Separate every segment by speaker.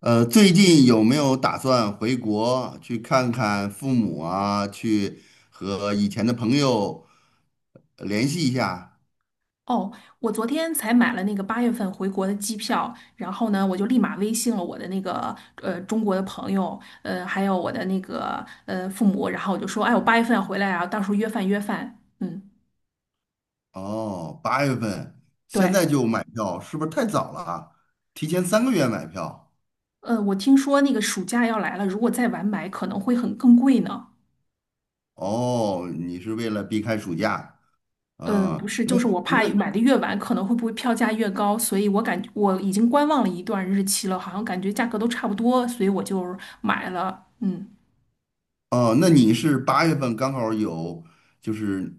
Speaker 1: 最近有没有打算回国去看看父母啊？去和以前的朋友联系一下？
Speaker 2: 哦，我昨天才买了那个八月份回国的机票，然后呢，我就立马微信了我的那个中国的朋友，还有我的那个父母，然后我就说，哎，我八月份要回来啊，到时候约饭约饭。嗯，
Speaker 1: 哦，八月份，现
Speaker 2: 对，
Speaker 1: 在就买票，是不是太早了啊提前3个月买票？
Speaker 2: 我听说那个暑假要来了，如果再晚买可能会很更贵呢。
Speaker 1: 哦，你是为了避开暑假？
Speaker 2: 不
Speaker 1: 嗯，
Speaker 2: 是，
Speaker 1: 那
Speaker 2: 就是我怕
Speaker 1: 那
Speaker 2: 买的越晚，可能会不会票价越高，所以我已经观望了一段日期了，好像感觉价格都差不多，所以我就买了。嗯。
Speaker 1: 哦，那你是八月份刚好有，就是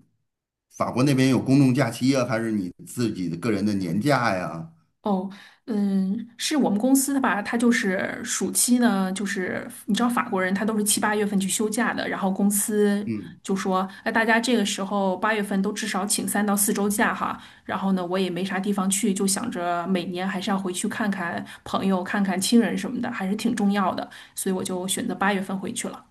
Speaker 1: 法国那边有公众假期啊，还是你自己的个人的年假呀？
Speaker 2: 哦，嗯，是我们公司的吧？他就是暑期呢，就是你知道法国人他都是七八月份去休假的，然后公司
Speaker 1: 嗯。
Speaker 2: 就说，哎，大家这个时候八月份都至少请三到四周假哈。然后呢，我也没啥地方去，就想着每年还是要回去看看朋友、看看亲人什么的，还是挺重要的，所以我就选择八月份回去了。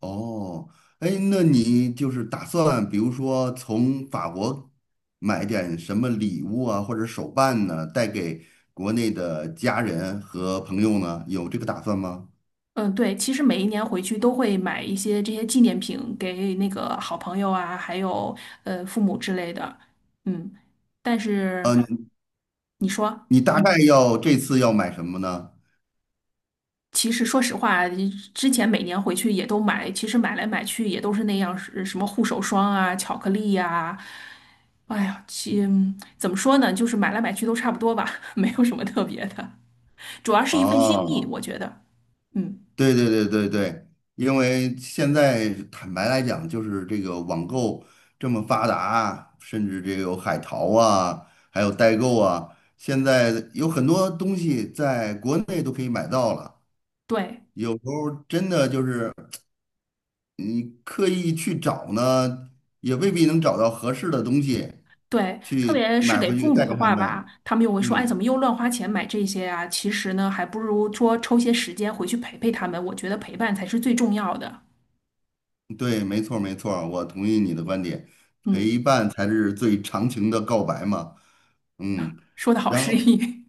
Speaker 1: 哦，哎，那你就是打算，比如说从法国买点什么礼物啊，或者手办呢，带给国内的家人和朋友呢？有这个打算吗？
Speaker 2: 嗯，对，其实每一年回去都会买一些这些纪念品给那个好朋友啊，还有父母之类的。嗯，但是
Speaker 1: 呃，
Speaker 2: 你说，
Speaker 1: 你大概
Speaker 2: 嗯，
Speaker 1: 要这次要买什么呢？
Speaker 2: 其实说实话啊，之前每年回去也都买，其实买来买去也都是那样，是什么护手霜啊、巧克力呀、哎呀，怎么说呢，就是买来买去都差不多吧，没有什么特别的，主要是一份心意，
Speaker 1: 哦。
Speaker 2: 我觉得。嗯，
Speaker 1: 对对对对对，因为现在坦白来讲，就是这个网购这么发达，甚至这个有海淘啊，还有代购啊，现在有很多东西在国内都可以买到了。
Speaker 2: 对。
Speaker 1: 有时候真的就是你刻意去找呢，也未必能找到合适的东西
Speaker 2: 对，特
Speaker 1: 去
Speaker 2: 别是
Speaker 1: 买
Speaker 2: 给
Speaker 1: 回去
Speaker 2: 父母
Speaker 1: 带
Speaker 2: 的
Speaker 1: 给他
Speaker 2: 话吧，
Speaker 1: 们。
Speaker 2: 他们又会说：“哎，怎
Speaker 1: 嗯。
Speaker 2: 么又乱花钱买这些啊？”其实呢，还不如说抽些时间回去陪陪他们。我觉得陪伴才是最重要的。
Speaker 1: 对，没错儿没错儿我同意你的观点，陪
Speaker 2: 嗯，
Speaker 1: 伴才是最长情的告白嘛。嗯，
Speaker 2: 说的好
Speaker 1: 然
Speaker 2: 诗
Speaker 1: 后
Speaker 2: 意。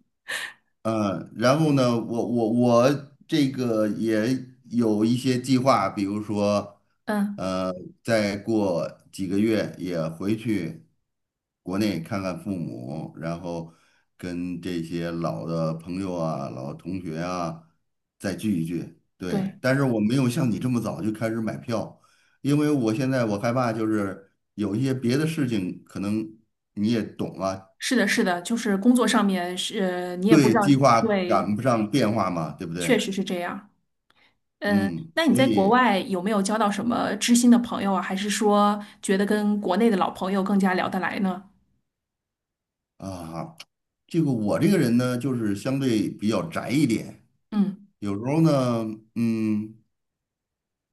Speaker 1: 然后呢，我这个也有一些计划，比如说，
Speaker 2: 嗯，
Speaker 1: 呃，再过几个月也回去国内看看父母，然后跟这些老的朋友啊、老同学啊再聚一聚。对，
Speaker 2: 对，
Speaker 1: 但是我没有像你这么早就开始买票，因为我现在害怕就是有一些别的事情，可能你也懂啊，
Speaker 2: 是的，是的，就是工作上面是，你也不
Speaker 1: 对，
Speaker 2: 知道，
Speaker 1: 计划
Speaker 2: 对，
Speaker 1: 赶不上变化嘛，对不
Speaker 2: 确
Speaker 1: 对？
Speaker 2: 实是这样。嗯，
Speaker 1: 嗯，
Speaker 2: 那你
Speaker 1: 所
Speaker 2: 在国
Speaker 1: 以
Speaker 2: 外有没有交到什么知心的朋友啊？还是说觉得跟国内的老朋友更加聊得来呢？
Speaker 1: 啊，这个我这个人呢，就是相对比较宅一点，
Speaker 2: 嗯。
Speaker 1: 有时候呢，嗯，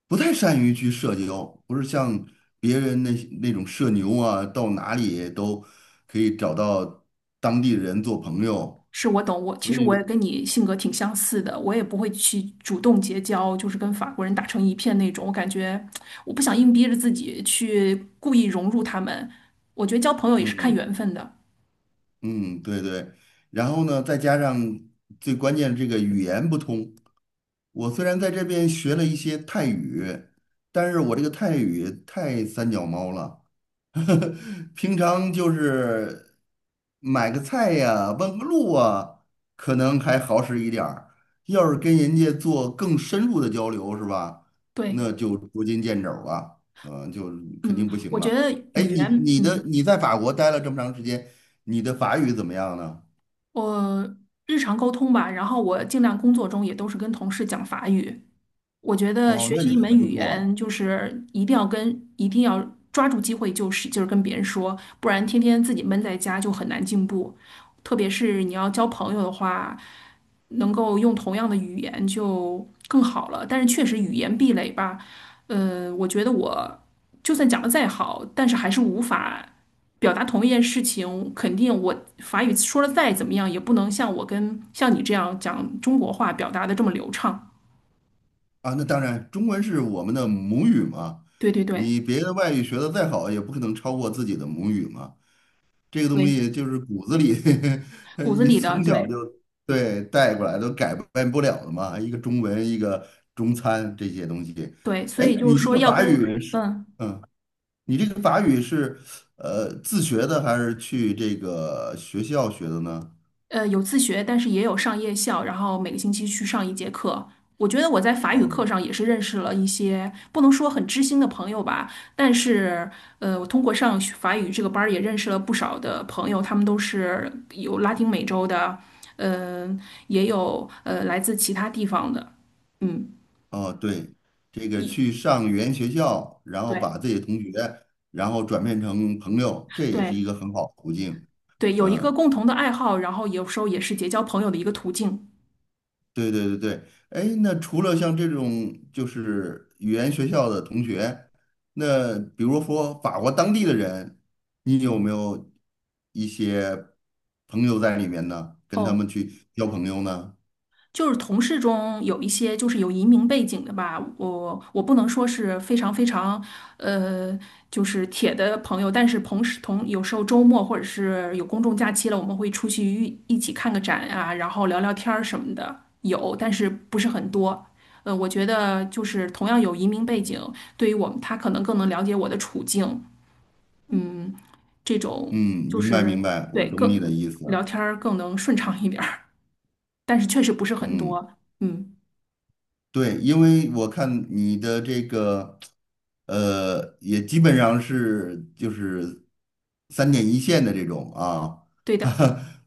Speaker 1: 不太善于去社交，不是像别人那些那种社牛啊，到哪里都可以找到当地人做朋友。
Speaker 2: 是我懂，我其实也跟你性格挺相似的，我也不会去主动结交，就是跟法国人打成一片那种。我感觉我不想硬逼着自己去故意融入他们。我觉得交朋友也是看
Speaker 1: 嗯
Speaker 2: 缘分的。
Speaker 1: 嗯，对对。然后呢，再加上最关键这个语言不通，我虽然在这边学了一些泰语，但是我这个泰语太三脚猫了。平常就是买个菜呀，问个路啊，可能还好使一点儿。要是跟人家做更深入的交流，是吧？那
Speaker 2: 对，
Speaker 1: 就捉襟见肘了，肯
Speaker 2: 嗯，
Speaker 1: 定不行
Speaker 2: 我觉
Speaker 1: 了。
Speaker 2: 得
Speaker 1: 哎，
Speaker 2: 语
Speaker 1: 你
Speaker 2: 言，
Speaker 1: 你的
Speaker 2: 嗯，
Speaker 1: 你在法国待了这么长时间，你的法语怎么样呢？
Speaker 2: 我日常沟通吧，然后我尽量工作中也都是跟同事讲法语，我觉得
Speaker 1: 哦，
Speaker 2: 学
Speaker 1: 那
Speaker 2: 习
Speaker 1: 你
Speaker 2: 一
Speaker 1: 还
Speaker 2: 门
Speaker 1: 不
Speaker 2: 语
Speaker 1: 错
Speaker 2: 言，就是一定要抓住机会，就是跟别人说，不然天天自己闷在家就很难进步。特别是你要交朋友的话，能够用同样的语言就更好了。但是确实语言壁垒吧，我觉得我就算讲的再好，但是还是无法表达同一件事情。肯定我法语说的再怎么样，也不能像我跟像你这样讲中国话表达的这么流畅。
Speaker 1: 啊。那当然，中文是我们的母语嘛，
Speaker 2: 对对对。
Speaker 1: 你别的外语学的再好，也不可能超过自己的母语嘛。这个东
Speaker 2: 对，
Speaker 1: 西就是骨子里，
Speaker 2: 骨子
Speaker 1: 你
Speaker 2: 里的，
Speaker 1: 从小就
Speaker 2: 对
Speaker 1: 对带过来，都改变不了的嘛。一个中文，一个中餐这些东西。
Speaker 2: 对，所
Speaker 1: 哎，
Speaker 2: 以就
Speaker 1: 你
Speaker 2: 是
Speaker 1: 这
Speaker 2: 说
Speaker 1: 个
Speaker 2: 要
Speaker 1: 法
Speaker 2: 跟
Speaker 1: 语是，嗯，你这个法语是，自学的还是去这个学校学的呢？
Speaker 2: 有自学，但是也有上夜校，然后每个星期去上一节课。我觉得我在法语课
Speaker 1: 哦
Speaker 2: 上也是认识了一些不能说很知心的朋友吧，但是我通过上学法语这个班儿也认识了不少的朋友，他们都是有拉丁美洲的，嗯、也有来自其他地方的，嗯，
Speaker 1: 哦，对，这个
Speaker 2: 一
Speaker 1: 去上语言学校，然后把
Speaker 2: 对
Speaker 1: 自己的同学，然后转变成朋友，这也是一
Speaker 2: 对
Speaker 1: 个很好的途径。
Speaker 2: 对，有一个
Speaker 1: 嗯。
Speaker 2: 共同的爱好，然后有时候也是结交朋友的一个途径。
Speaker 1: 对对对对，哎，那除了像这种就是语言学校的同学，那比如说法国当地的人，你有没有一些朋友在里面呢？跟他们
Speaker 2: 哦，
Speaker 1: 去交朋友呢？
Speaker 2: 就是同事中有一些就是有移民背景的吧，我不能说是非常非常呃就是铁的朋友，但是同时同有时候周末或者是有公众假期了，我们会出去一起看个展啊，然后聊聊天儿什么的，有，但是不是很多。我觉得就是同样有移民背景，对于我们他可能更能了解我的处境，这种
Speaker 1: 嗯，
Speaker 2: 就
Speaker 1: 明白
Speaker 2: 是
Speaker 1: 明白，我
Speaker 2: 对
Speaker 1: 懂你
Speaker 2: 更
Speaker 1: 的意思。
Speaker 2: 聊天儿更能顺畅一点儿，但是确实不是很
Speaker 1: 嗯。
Speaker 2: 多，嗯，
Speaker 1: 对，因为我看你的这个，也基本上是就是三点一线的这种啊，
Speaker 2: 对的。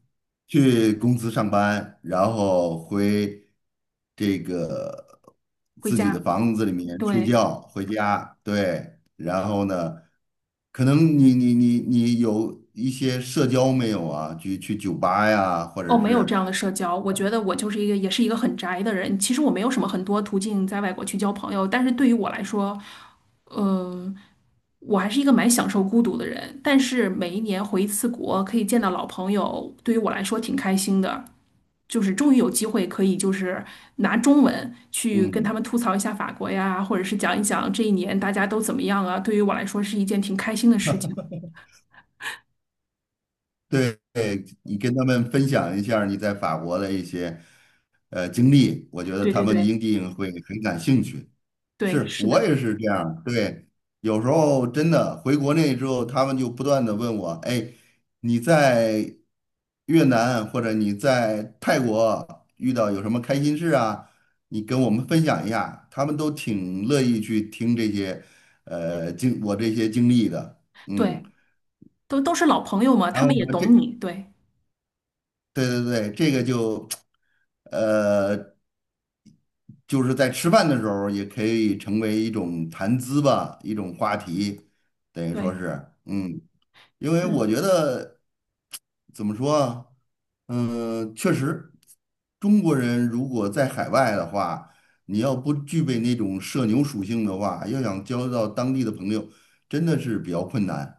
Speaker 1: 去公司上班，然后回这个
Speaker 2: 回
Speaker 1: 自己的
Speaker 2: 家，
Speaker 1: 房子里面睡
Speaker 2: 对，
Speaker 1: 觉，回家，对，然后呢，可能你有一些社交没有啊？去去酒吧呀，或者
Speaker 2: 哦，没有这
Speaker 1: 是。
Speaker 2: 样的社交。我觉得我就是一个，也是一个很宅的人。其实我没有什么很多途径在外国去交朋友，但是对于我来说，呃，我还是一个蛮享受孤独的人。但是每一年回一次国，可以见到老朋友，对于我来说挺开心的。就是终于有机会可以，就是拿中文去跟他
Speaker 1: 嗯。
Speaker 2: 们吐槽一下法国呀，或者是讲一讲这一年大家都怎么样啊。对于我来说是一件挺开心的事情。
Speaker 1: 对，你跟他们分享一下你在法国的一些经历，我觉得
Speaker 2: 对
Speaker 1: 他
Speaker 2: 对
Speaker 1: 们一
Speaker 2: 对
Speaker 1: 定会很感兴趣。
Speaker 2: 对，
Speaker 1: 是
Speaker 2: 是
Speaker 1: 我
Speaker 2: 的，
Speaker 1: 也是这样对，有时候真的回国内之后，他们就不断的问我，哎，你在越南或者你在泰国遇到有什么开心事啊？你跟我们分享一下，他们都挺乐意去听这些呃经我这些经历的，嗯。
Speaker 2: 对。都是老朋友嘛，
Speaker 1: 然
Speaker 2: 他
Speaker 1: 后
Speaker 2: 们也
Speaker 1: 呢这
Speaker 2: 懂你，对
Speaker 1: 对对对，呃，就是在吃饭的时候也可以成为一种谈资吧，一种话题，等于说
Speaker 2: 对，
Speaker 1: 是，嗯，因为我
Speaker 2: 嗯，
Speaker 1: 觉得。怎么说啊？嗯，确实，中国人如果在海外的话，你要不具备那种社牛属性的话，要想交到当地的朋友，真的是比较困难。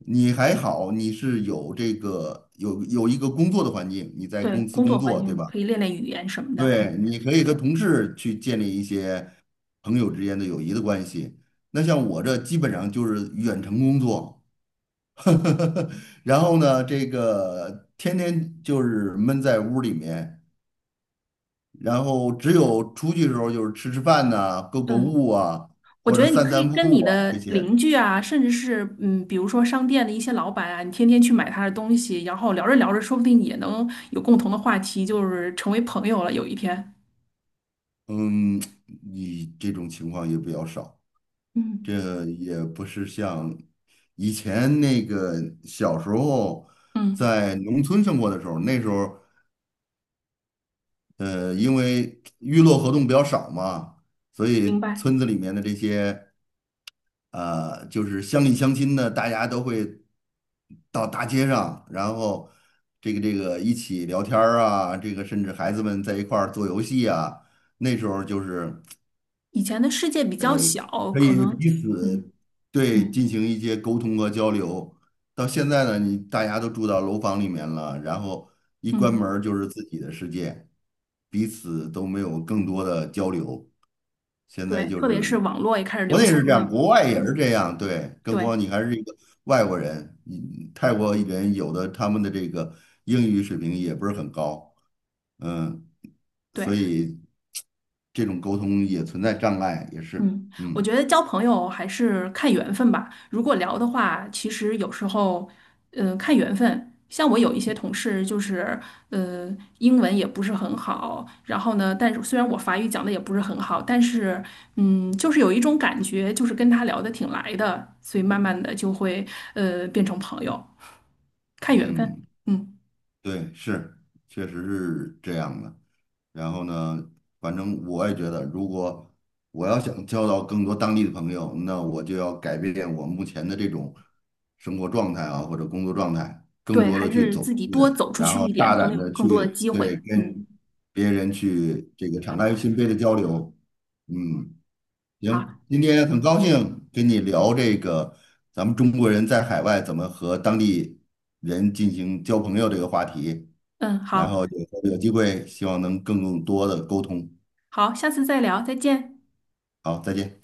Speaker 1: 你还好，你是有有一个工作的环境，你在
Speaker 2: 对，
Speaker 1: 公司
Speaker 2: 工
Speaker 1: 工
Speaker 2: 作环
Speaker 1: 作，对
Speaker 2: 境
Speaker 1: 吧？
Speaker 2: 可以练练语言什么的，
Speaker 1: 对，你可以和同事去建立一些朋友之间的友谊的关系。那像我这基本上就是远程工作。然后呢，这个天天就是闷在屋里面，然后只有出去的时候就是吃吃饭呐、购购
Speaker 2: 嗯，
Speaker 1: 物啊，
Speaker 2: 我
Speaker 1: 或
Speaker 2: 觉
Speaker 1: 者
Speaker 2: 得你
Speaker 1: 散
Speaker 2: 可
Speaker 1: 散
Speaker 2: 以跟你
Speaker 1: 步啊这
Speaker 2: 的
Speaker 1: 些。
Speaker 2: 邻居啊，甚至是嗯，比如说商店的一些老板啊，你天天去买他的东西，然后聊着聊着，说不定也能有共同的话题，就是成为朋友了，有一天，
Speaker 1: 嗯，你这种情况也比较少，
Speaker 2: 嗯
Speaker 1: 这也不是像以前那个小时候
Speaker 2: 嗯，
Speaker 1: 在农村生活的时候，那时候因为娱乐活动比较少嘛，所
Speaker 2: 明
Speaker 1: 以
Speaker 2: 白。
Speaker 1: 村子里面的这些。就是乡里乡亲的，大家都会到大街上，然后一起聊天儿啊，这个甚至孩子们在一块儿做游戏啊，那时候就是
Speaker 2: 以前的世界比较小，
Speaker 1: 可
Speaker 2: 可
Speaker 1: 以
Speaker 2: 能，
Speaker 1: 彼
Speaker 2: 嗯
Speaker 1: 此对
Speaker 2: 嗯
Speaker 1: 进行一些沟通和交流。到现在呢，你大家都住到楼房里面了，然后一关门
Speaker 2: 嗯，
Speaker 1: 儿就是自己的世界，彼此都没有更多的交流。现在
Speaker 2: 对，
Speaker 1: 就
Speaker 2: 特别
Speaker 1: 是
Speaker 2: 是网络也开始
Speaker 1: 国
Speaker 2: 流
Speaker 1: 内是
Speaker 2: 行
Speaker 1: 这样，
Speaker 2: 了，
Speaker 1: 国外也是
Speaker 2: 嗯，
Speaker 1: 这样，对，更何
Speaker 2: 对
Speaker 1: 况你还是一个外国人，你泰国人有的他们的这个英语水平也不是很高，嗯，所
Speaker 2: 对。
Speaker 1: 以这种沟通也存在障碍，也是，
Speaker 2: 嗯，我
Speaker 1: 嗯
Speaker 2: 觉得交朋友还是看缘分吧。如果聊的话，其实有时候，看缘分。像我有一些同事，就是呃，英文也不是很好，然后呢，但是虽然我法语讲的也不是很好，但是嗯，就是有一种感觉，就是跟他聊得挺来的，所以慢慢的就会变成朋友，看缘分。
Speaker 1: 嗯，
Speaker 2: 嗯，
Speaker 1: 对，是，确实是这样的。然后呢，反正我也觉得，如果我要想交到更多当地的朋友，那我就要改变我目前的这种生活状态啊，或者工作状态，更
Speaker 2: 对，
Speaker 1: 多的
Speaker 2: 还
Speaker 1: 去
Speaker 2: 是
Speaker 1: 走出
Speaker 2: 自己多
Speaker 1: 来，
Speaker 2: 走出
Speaker 1: 然
Speaker 2: 去
Speaker 1: 后
Speaker 2: 一点，
Speaker 1: 大
Speaker 2: 可
Speaker 1: 胆
Speaker 2: 能有
Speaker 1: 的
Speaker 2: 更多的
Speaker 1: 去
Speaker 2: 机会。
Speaker 1: 对
Speaker 2: 嗯，
Speaker 1: 跟别人去这个敞开心扉的交流。嗯，行，
Speaker 2: 好，
Speaker 1: 今天很高兴跟你聊这个咱们中国人在海外怎么和当地人进行交朋友这个话题。
Speaker 2: 嗯，
Speaker 1: 然
Speaker 2: 好，
Speaker 1: 后有机会希望能更多的沟通。
Speaker 2: 好，下次再聊，再见。
Speaker 1: 好，再见。